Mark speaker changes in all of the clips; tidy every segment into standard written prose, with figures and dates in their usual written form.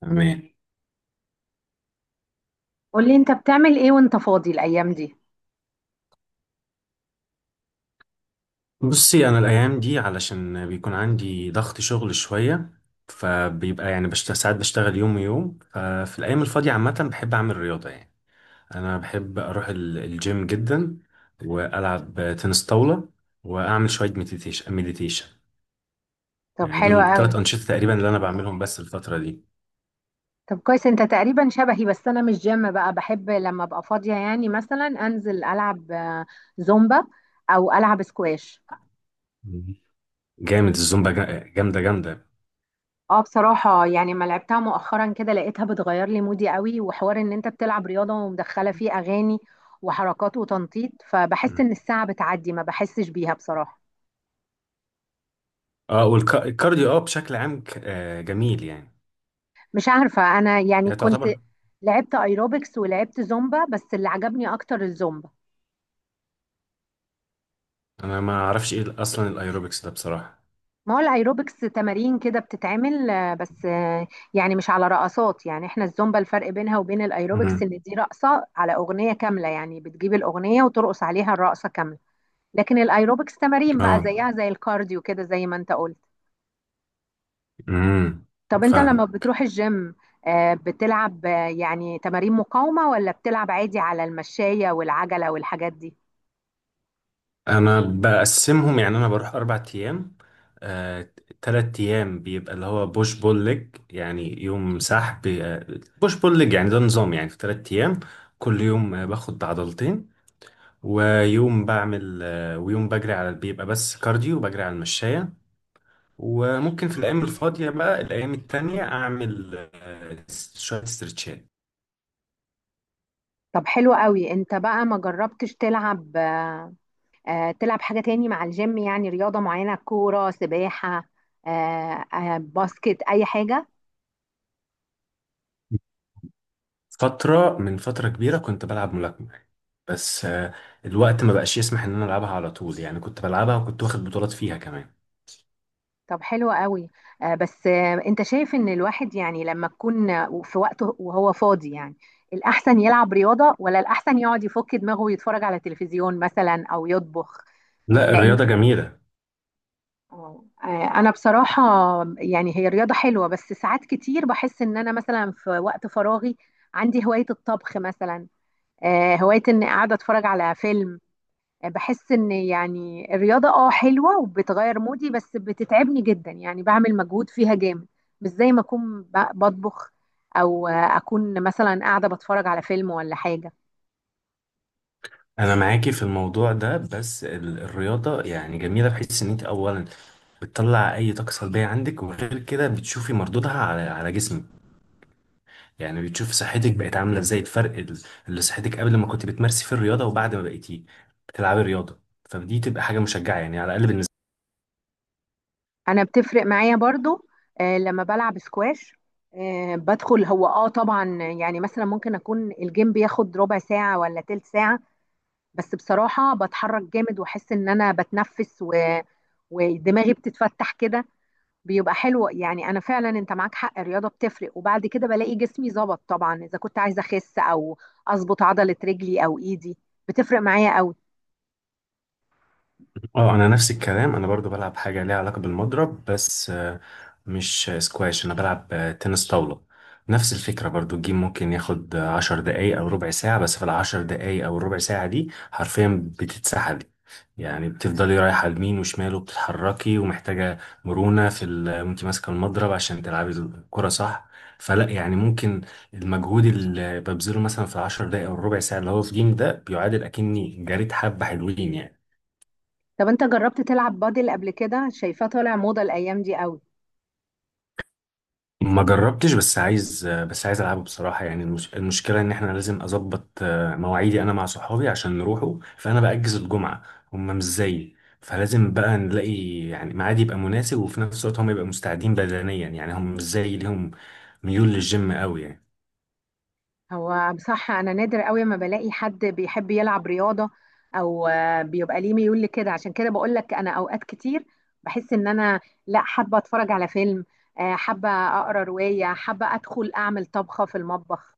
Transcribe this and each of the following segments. Speaker 1: تمام.
Speaker 2: قولي انت بتعمل ايه وانت فاضي الايام دي؟
Speaker 1: بصي، انا الايام دي علشان بيكون عندي ضغط شغل شويه، فبيبقى يعني ساعات بشتغل يوم ويوم. ففي الايام الفاضيه عامه بحب اعمل رياضه يعني. انا بحب اروح الجيم جدا، والعب تنس طاوله، واعمل شويه مديتيشن مديتيشن.
Speaker 2: طب
Speaker 1: يعني
Speaker 2: حلو
Speaker 1: دول
Speaker 2: قوي.
Speaker 1: ثلاث انشطه تقريبا اللي انا بعملهم بس الفتره دي.
Speaker 2: طب كويس، انت تقريبا شبهي، بس انا مش جيم بقى، بحب لما ابقى فاضية مثلا انزل العب زومبا او العب سكواش.
Speaker 1: مم. جامد الزومبا، جامده جامده.
Speaker 2: اه بصراحة يعني ما لعبتها مؤخرا، كده لقيتها بتغير لي مودي قوي، وحوار ان انت بتلعب رياضة ومدخلة فيه اغاني وحركات وتنطيط، فبحس
Speaker 1: مم.
Speaker 2: ان الساعة بتعدي ما بحسش بيها بصراحة.
Speaker 1: اه، والكارديو اه، بشكل عام جميل يعني.
Speaker 2: مش عارفة، انا يعني
Speaker 1: هي
Speaker 2: كنت
Speaker 1: تعتبر
Speaker 2: لعبت ايروبكس ولعبت زومبا، بس اللي عجبني اكتر الزومبا.
Speaker 1: انا ما اعرفش ايه اصلا الايروبكس ده بصراحه.
Speaker 2: ما هو الايروبكس تمارين كده بتتعمل، آه، بس آه، يعني مش على رقصات، يعني احنا الزومبا الفرق بينها وبين الايروبكس ان
Speaker 1: امم.
Speaker 2: دي رقصة على اغنية كاملة، يعني بتجيب الاغنية وترقص عليها الرقصة كاملة. لكن الايروبكس تمارين
Speaker 1: اه.
Speaker 2: بقى، زيها زي الكارديو كده زي ما انت قلت.
Speaker 1: امم.
Speaker 2: طب انت لما
Speaker 1: فاهم.
Speaker 2: بتروح الجيم، بتلعب يعني تمارين مقاومة ولا بتلعب عادي على المشاية والعجلة والحاجات دي؟
Speaker 1: انا بقسمهم يعني، انا بروح اربع ايام. آه، تلات ايام بيبقى اللي هو بوش بول ليج، يعني يوم سحب، بوش بول ليج، يعني ده نظام يعني في تلات ايام، كل يوم باخد عضلتين، ويوم بعمل ويوم بجري على، بيبقى بس كارديو بجري على المشاية. وممكن في الايام الفاضية بقى الايام التانية اعمل شوية استرتشات.
Speaker 2: طب حلو قوي. انت بقى ما جربتش تلعب، تلعب حاجة تاني مع الجيم يعني؟ رياضة معينة، كورة، سباحة، باسكت، أي حاجة؟
Speaker 1: فترة من فترة كبيرة كنت بلعب ملاكمة، بس الوقت ما بقاش يسمح ان انا العبها على طول. يعني كنت بلعبها وكنت واخد بطولات فيها كمان.
Speaker 2: طب حلو قوي. آه، بس آه، أنت شايف إن الواحد يعني لما تكون في وقته وهو فاضي يعني الأحسن يلعب رياضة، ولا الأحسن يقعد يفك دماغه ويتفرج على تلفزيون مثلا، أو يطبخ؟ آه،
Speaker 1: لا،
Speaker 2: لأن
Speaker 1: الرياضة جميلة.
Speaker 2: آه، آه، أنا بصراحة يعني هي رياضة حلوة، بس ساعات كتير بحس إن أنا مثلا في وقت فراغي عندي هواية الطبخ مثلا، هواية إني قاعدة أتفرج على فيلم. بحس ان يعني الرياضة اه حلوة وبتغير مودي، بس بتتعبني جدا، يعني بعمل مجهود فيها جامد، مش زي ما اكون بطبخ، او اكون مثلا قاعدة بتفرج على فيلم ولا حاجة.
Speaker 1: انا معاكي في الموضوع ده، بس الرياضة يعني جميلة بحيث ان انت اولا بتطلع اي طاقة سلبية عندك، وغير كده بتشوفي مردودها على جسمك. يعني بتشوفي صحتك بقت عاملة ازاي، الفرق اللي صحتك قبل ما كنت بتمارسي في الرياضة وبعد ما بقيتي بتلعبي الرياضة. فدي تبقى حاجة مشجعة يعني، على الاقل بالنسبة
Speaker 2: انا بتفرق معايا برضو لما بلعب سكواش، بدخل هو اه طبعا، يعني مثلا ممكن اكون الجيم بياخد ربع ساعة ولا تلت ساعة، بس بصراحة بتحرك جامد، واحس ان انا بتنفس ودماغي بتتفتح كده، بيبقى حلو يعني. انا فعلا انت معاك حق، الرياضه بتفرق، وبعد كده بلاقي جسمي ظبط طبعا، اذا كنت عايزه اخس او اظبط عضله رجلي او ايدي، بتفرق معايا قوي.
Speaker 1: لي. اه انا نفس الكلام، انا برضو بلعب حاجة ليها علاقة بالمضرب، بس مش سكواش، انا بلعب تنس طاولة. نفس الفكرة برضو، الجيم ممكن ياخد عشر دقايق او ربع ساعة، بس في العشر دقايق او الربع ساعة دي حرفيا بتتسحلي. يعني بتفضلي رايحة يمين وشمال وبتتحركي، ومحتاجة مرونة وانت ماسكة المضرب عشان تلعبي الكرة صح. فلا يعني، ممكن المجهود اللي ببذله مثلا في العشر دقايق او الربع ساعة اللي هو في جيم ده بيعادل اكني جريت حبة حلوين يعني.
Speaker 2: طب انت جربت تلعب بادل قبل كده؟ شايفاه طالع موضه الايام دي قوي.
Speaker 1: ما جربتش، بس عايز العبه بصراحه. يعني المشكله ان احنا لازم اظبط مواعيدي انا مع صحابي عشان نروحوا، فانا باجز الجمعه، هم مش زيي. فلازم بقى نلاقي يعني ميعاد يبقى مناسب، وفي نفس الوقت هم يبقوا مستعدين بدنيا. يعني هم مش زيي، ليهم ميول للجيم قوي يعني.
Speaker 2: هو بصراحة أنا نادر قوي ما بلاقي حد بيحب يلعب رياضة، أو بيبقى ليه ميول لكده، عشان كده بقول لك أنا أوقات كتير بحس إن أنا لا، حابة أتفرج على فيلم، حابة أقرأ رواية، حابة أدخل أعمل طبخة في المطبخ،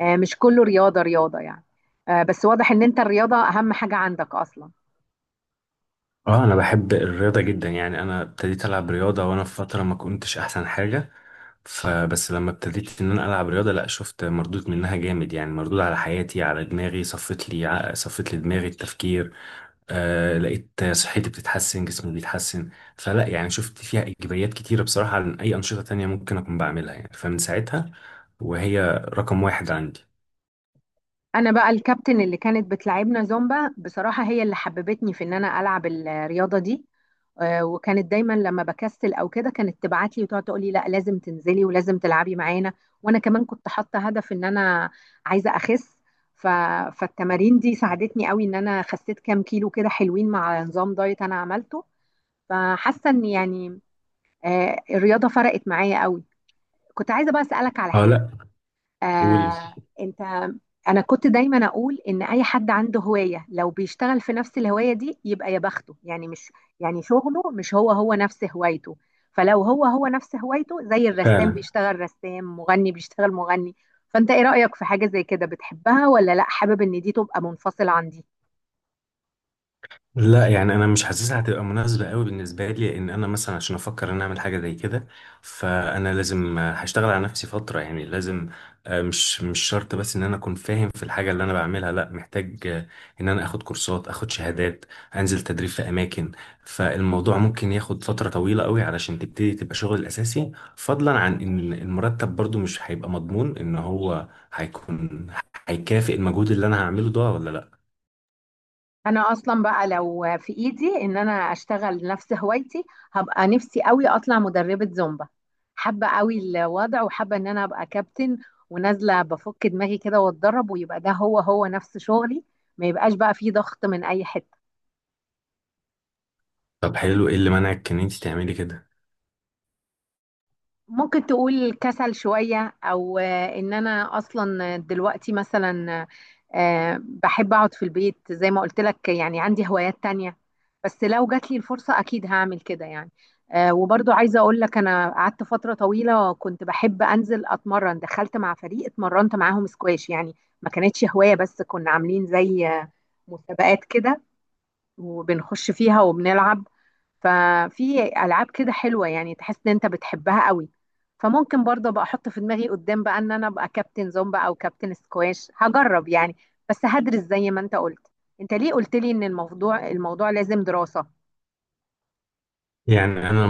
Speaker 2: مش كله رياضة رياضة يعني. بس واضح إن أنت الرياضة أهم حاجة عندك أصلا.
Speaker 1: اه، انا بحب الرياضه جدا. يعني انا ابتديت العب رياضه وانا في فتره ما كنتش احسن حاجه، فبس لما ابتديت ان انا العب رياضه، لا شفت مردود منها جامد. يعني مردود على حياتي، على دماغي، صفت لي دماغي التفكير. آه، لقيت صحتي بتتحسن، جسمي بيتحسن. فلا يعني شفت فيها ايجابيات كتيره بصراحه عن اي انشطه تانية ممكن اكون بعملها يعني. فمن ساعتها وهي رقم واحد عندي.
Speaker 2: انا بقى الكابتن اللي كانت بتلعبنا زومبا بصراحة هي اللي حببتني في ان انا العب الرياضة دي، وكانت دايما لما بكسل او كده كانت تبعت لي وتقعد تقول لي لا، لازم تنزلي ولازم تلعبي معانا. وانا كمان كنت حاطة هدف ان انا عايزة اخس، ف... فالتمارين دي ساعدتني قوي ان انا خسيت كام كيلو كده حلوين مع نظام دايت انا عملته. فحاسة ان يعني الرياضة فرقت معايا قوي. كنت عايزة بقى اسألك على
Speaker 1: اه
Speaker 2: حاجة.
Speaker 1: لا، قولي.
Speaker 2: آه انت، انا كنت دايما اقول ان اي حد عنده هواية لو بيشتغل في نفس الهواية دي يبقى يا بخته، يعني مش يعني شغله مش هو هو نفس هوايته. فلو هو هو نفس هوايته زي الرسام
Speaker 1: فعلا.
Speaker 2: بيشتغل رسام، مغني بيشتغل مغني، فانت ايه رأيك في حاجة زي كده؟ بتحبها ولا لا، حابب ان دي تبقى منفصلة عن دي؟
Speaker 1: لا يعني انا مش حاسسها هتبقى مناسبه قوي بالنسبه لي، لان انا مثلا عشان افكر ان أنا اعمل حاجه زي كده، فانا لازم هشتغل على نفسي فتره. يعني لازم آه، مش مش شرط بس ان انا اكون فاهم في الحاجه اللي انا بعملها، لا محتاج ان انا اخد كورسات، اخد شهادات، انزل تدريب في اماكن. فالموضوع ممكن ياخد فتره طويله قوي علشان تبتدي تبقى شغل الاساسي، فضلا عن ان المرتب برضو مش هيبقى مضمون ان هو هيكون هيكافئ المجهود اللي انا هعمله ده ولا لا.
Speaker 2: انا اصلا بقى لو في ايدي ان انا اشتغل نفس هوايتي، هبقى نفسي قوي اطلع مدربة زومبا. حابة قوي الوضع، وحابة ان انا ابقى كابتن ونازلة بفك دماغي كده واتدرب، ويبقى ده هو هو نفس شغلي، ما يبقاش بقى فيه ضغط من اي حتة.
Speaker 1: طب حلو، ايه اللي منعك ان انت تعملي كده؟
Speaker 2: ممكن تقول كسل شوية، أو إن أنا أصلا دلوقتي مثلا بحب أقعد في البيت زي ما قلت لك، يعني عندي هوايات تانية. بس لو جات لي الفرصة أكيد هعمل كده يعني. وبرضو عايزة أقول لك أنا قعدت فترة طويلة كنت بحب أنزل أتمرن، دخلت مع فريق اتمرنت معاهم سكواش يعني، ما كانتش هواية، بس كنا عاملين زي مسابقات كده وبنخش فيها وبنلعب. ففي العاب كده حلوه يعني تحس ان انت بتحبها قوي. فممكن برضه ابقى احط في دماغي قدام بقى ان انا ابقى كابتن زومبا او كابتن سكواش، هجرب يعني، بس هدرس زي ما انت قلت. انت ليه قلت لي ان الموضوع لازم دراسه؟
Speaker 1: يعني انا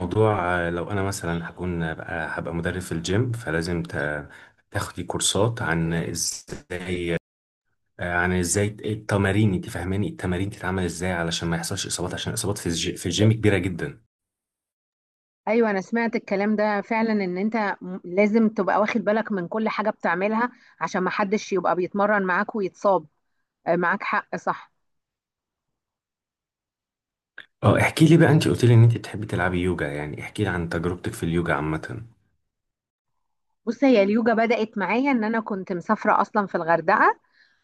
Speaker 1: الموضوع لو انا مثلا هكون بقى هبقى مدرب في الجيم، فلازم تاخدي كورسات عن ازاي عن ازاي التمارين، انت فاهماني، التمارين تتعمل ازاي علشان ما يحصلش اصابات، عشان الاصابات في الجيم كبيره جدا.
Speaker 2: ايوه انا سمعت الكلام ده فعلا، ان انت لازم تبقى واخد بالك من كل حاجه بتعملها عشان ما حدش يبقى بيتمرن معاك ويتصاب. معاك حق، صح.
Speaker 1: اه، احكي لي بقى، انت قلت لي ان انت بتحبي تلعبي يوجا، يعني احكي لي عن تجربتك في اليوجا عامه.
Speaker 2: بص هي اليوجا بدأت معايا ان انا كنت مسافره اصلا في الغردقه،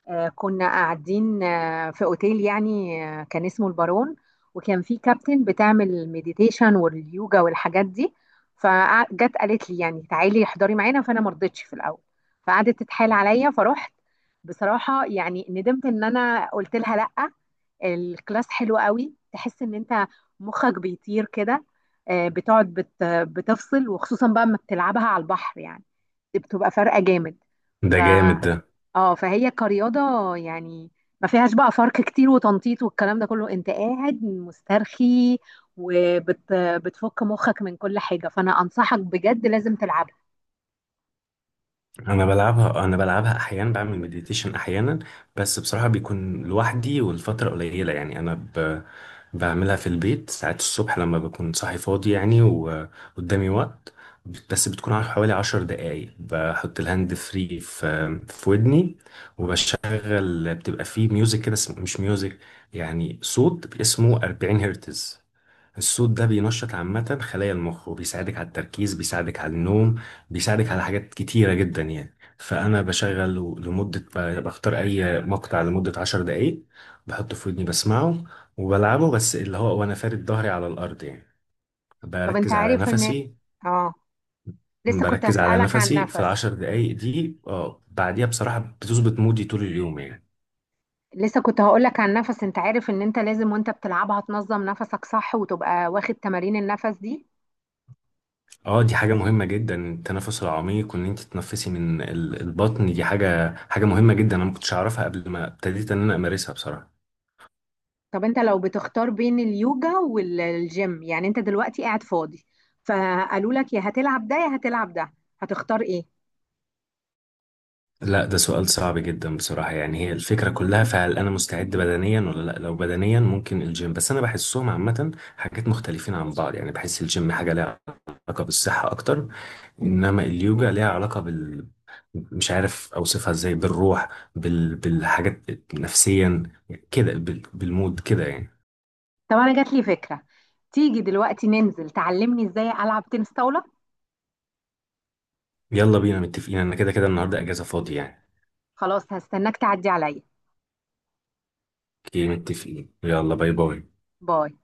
Speaker 2: كنا قاعدين في اوتيل يعني، كان اسمه البارون، وكان في كابتن بتعمل مديتيشن واليوجا والحاجات دي. فجت قالت لي يعني تعالي احضري معانا، فانا ما رضيتش في الاول، فقعدت تتحايل عليا فروحت. بصراحة يعني ندمت ان انا قلت لها لا، الكلاس حلو قوي، تحس ان انت مخك بيطير كده، بتقعد بتفصل، وخصوصا بقى اما بتلعبها على البحر يعني، دي بتبقى فارقة جامد.
Speaker 1: ده
Speaker 2: ف
Speaker 1: جامد ده.
Speaker 2: اه فهي كرياضة يعني ما فيهاش بقى فرق كتير وتنطيط والكلام ده كله، انت قاعد مسترخي وبتفك مخك من كل حاجة، فانا انصحك بجد لازم تلعبها.
Speaker 1: انا بلعبها، انا بلعبها احيانا، بعمل مديتيشن احيانا، بس بصراحه بيكون لوحدي والفتره قليله. يعني انا بعملها في البيت ساعات الصبح لما بكون صاحي فاضي يعني وقدامي وقت. بس بتكون على حوالي عشر دقايق. بحط الهاند فري في ودني، وبشغل بتبقى فيه ميوزك كده، مش ميوزك، يعني صوت اسمه 40 هرتز. الصوت ده بينشط عامة خلايا المخ، وبيساعدك على التركيز، بيساعدك على النوم، بيساعدك على حاجات كتيرة جدا يعني. فأنا بشغل لمدة، بختار أي مقطع لمدة عشر دقايق، بحطه في ودني بسمعه وبلعبه، بس اللي هو وأنا فارد ظهري على الأرض يعني،
Speaker 2: طب انت
Speaker 1: بركز على
Speaker 2: عارف ان
Speaker 1: نفسي.
Speaker 2: اه لسه كنت هسألك عن
Speaker 1: في
Speaker 2: نفس
Speaker 1: العشر دقايق دي، اه، بعديها بصراحة بتظبط مودي طول اليوم يعني.
Speaker 2: لسه كنت هقولك عن النفس، انت عارف ان انت لازم وانت بتلعبها تنظم نفسك صح وتبقى واخد تمارين النفس دي؟
Speaker 1: اه دي حاجة مهمة جدا، التنفس العميق وان انت تتنفسي من البطن، دي حاجة مهمة جدا. انا ما كنتش اعرفها قبل ما ابتديت ان انا امارسها بصراحة.
Speaker 2: طب انت لو بتختار بين اليوجا والجيم، يعني انت دلوقتي قاعد فاضي فقالوا لك يا هتلعب ده يا هتلعب ده، هتختار ايه؟
Speaker 1: لا، ده سؤال صعب جدا بصراحة. يعني هي الفكرة كلها، فهل انا مستعد بدنيا ولا لا. لو بدنيا، ممكن الجيم. بس انا بحسهم عامة حاجات مختلفين عن بعض. يعني بحس الجيم حاجة ليها علاقة بالصحة اكتر، انما اليوجا ليها علاقة مش عارف اوصفها ازاي، بالروح، بالحاجات، نفسيا كده، بالمود كده يعني.
Speaker 2: طب انا جات لي فكرة، تيجي دلوقتي ننزل تعلمني ازاي العب تنس طاولة؟
Speaker 1: يلا بينا، متفقين، انا كده كده النهارده اجازه فاضي يعني.
Speaker 2: خلاص هستناك تعدي عليا.
Speaker 1: اوكي، متفقين، يلا، باي باي.
Speaker 2: باي.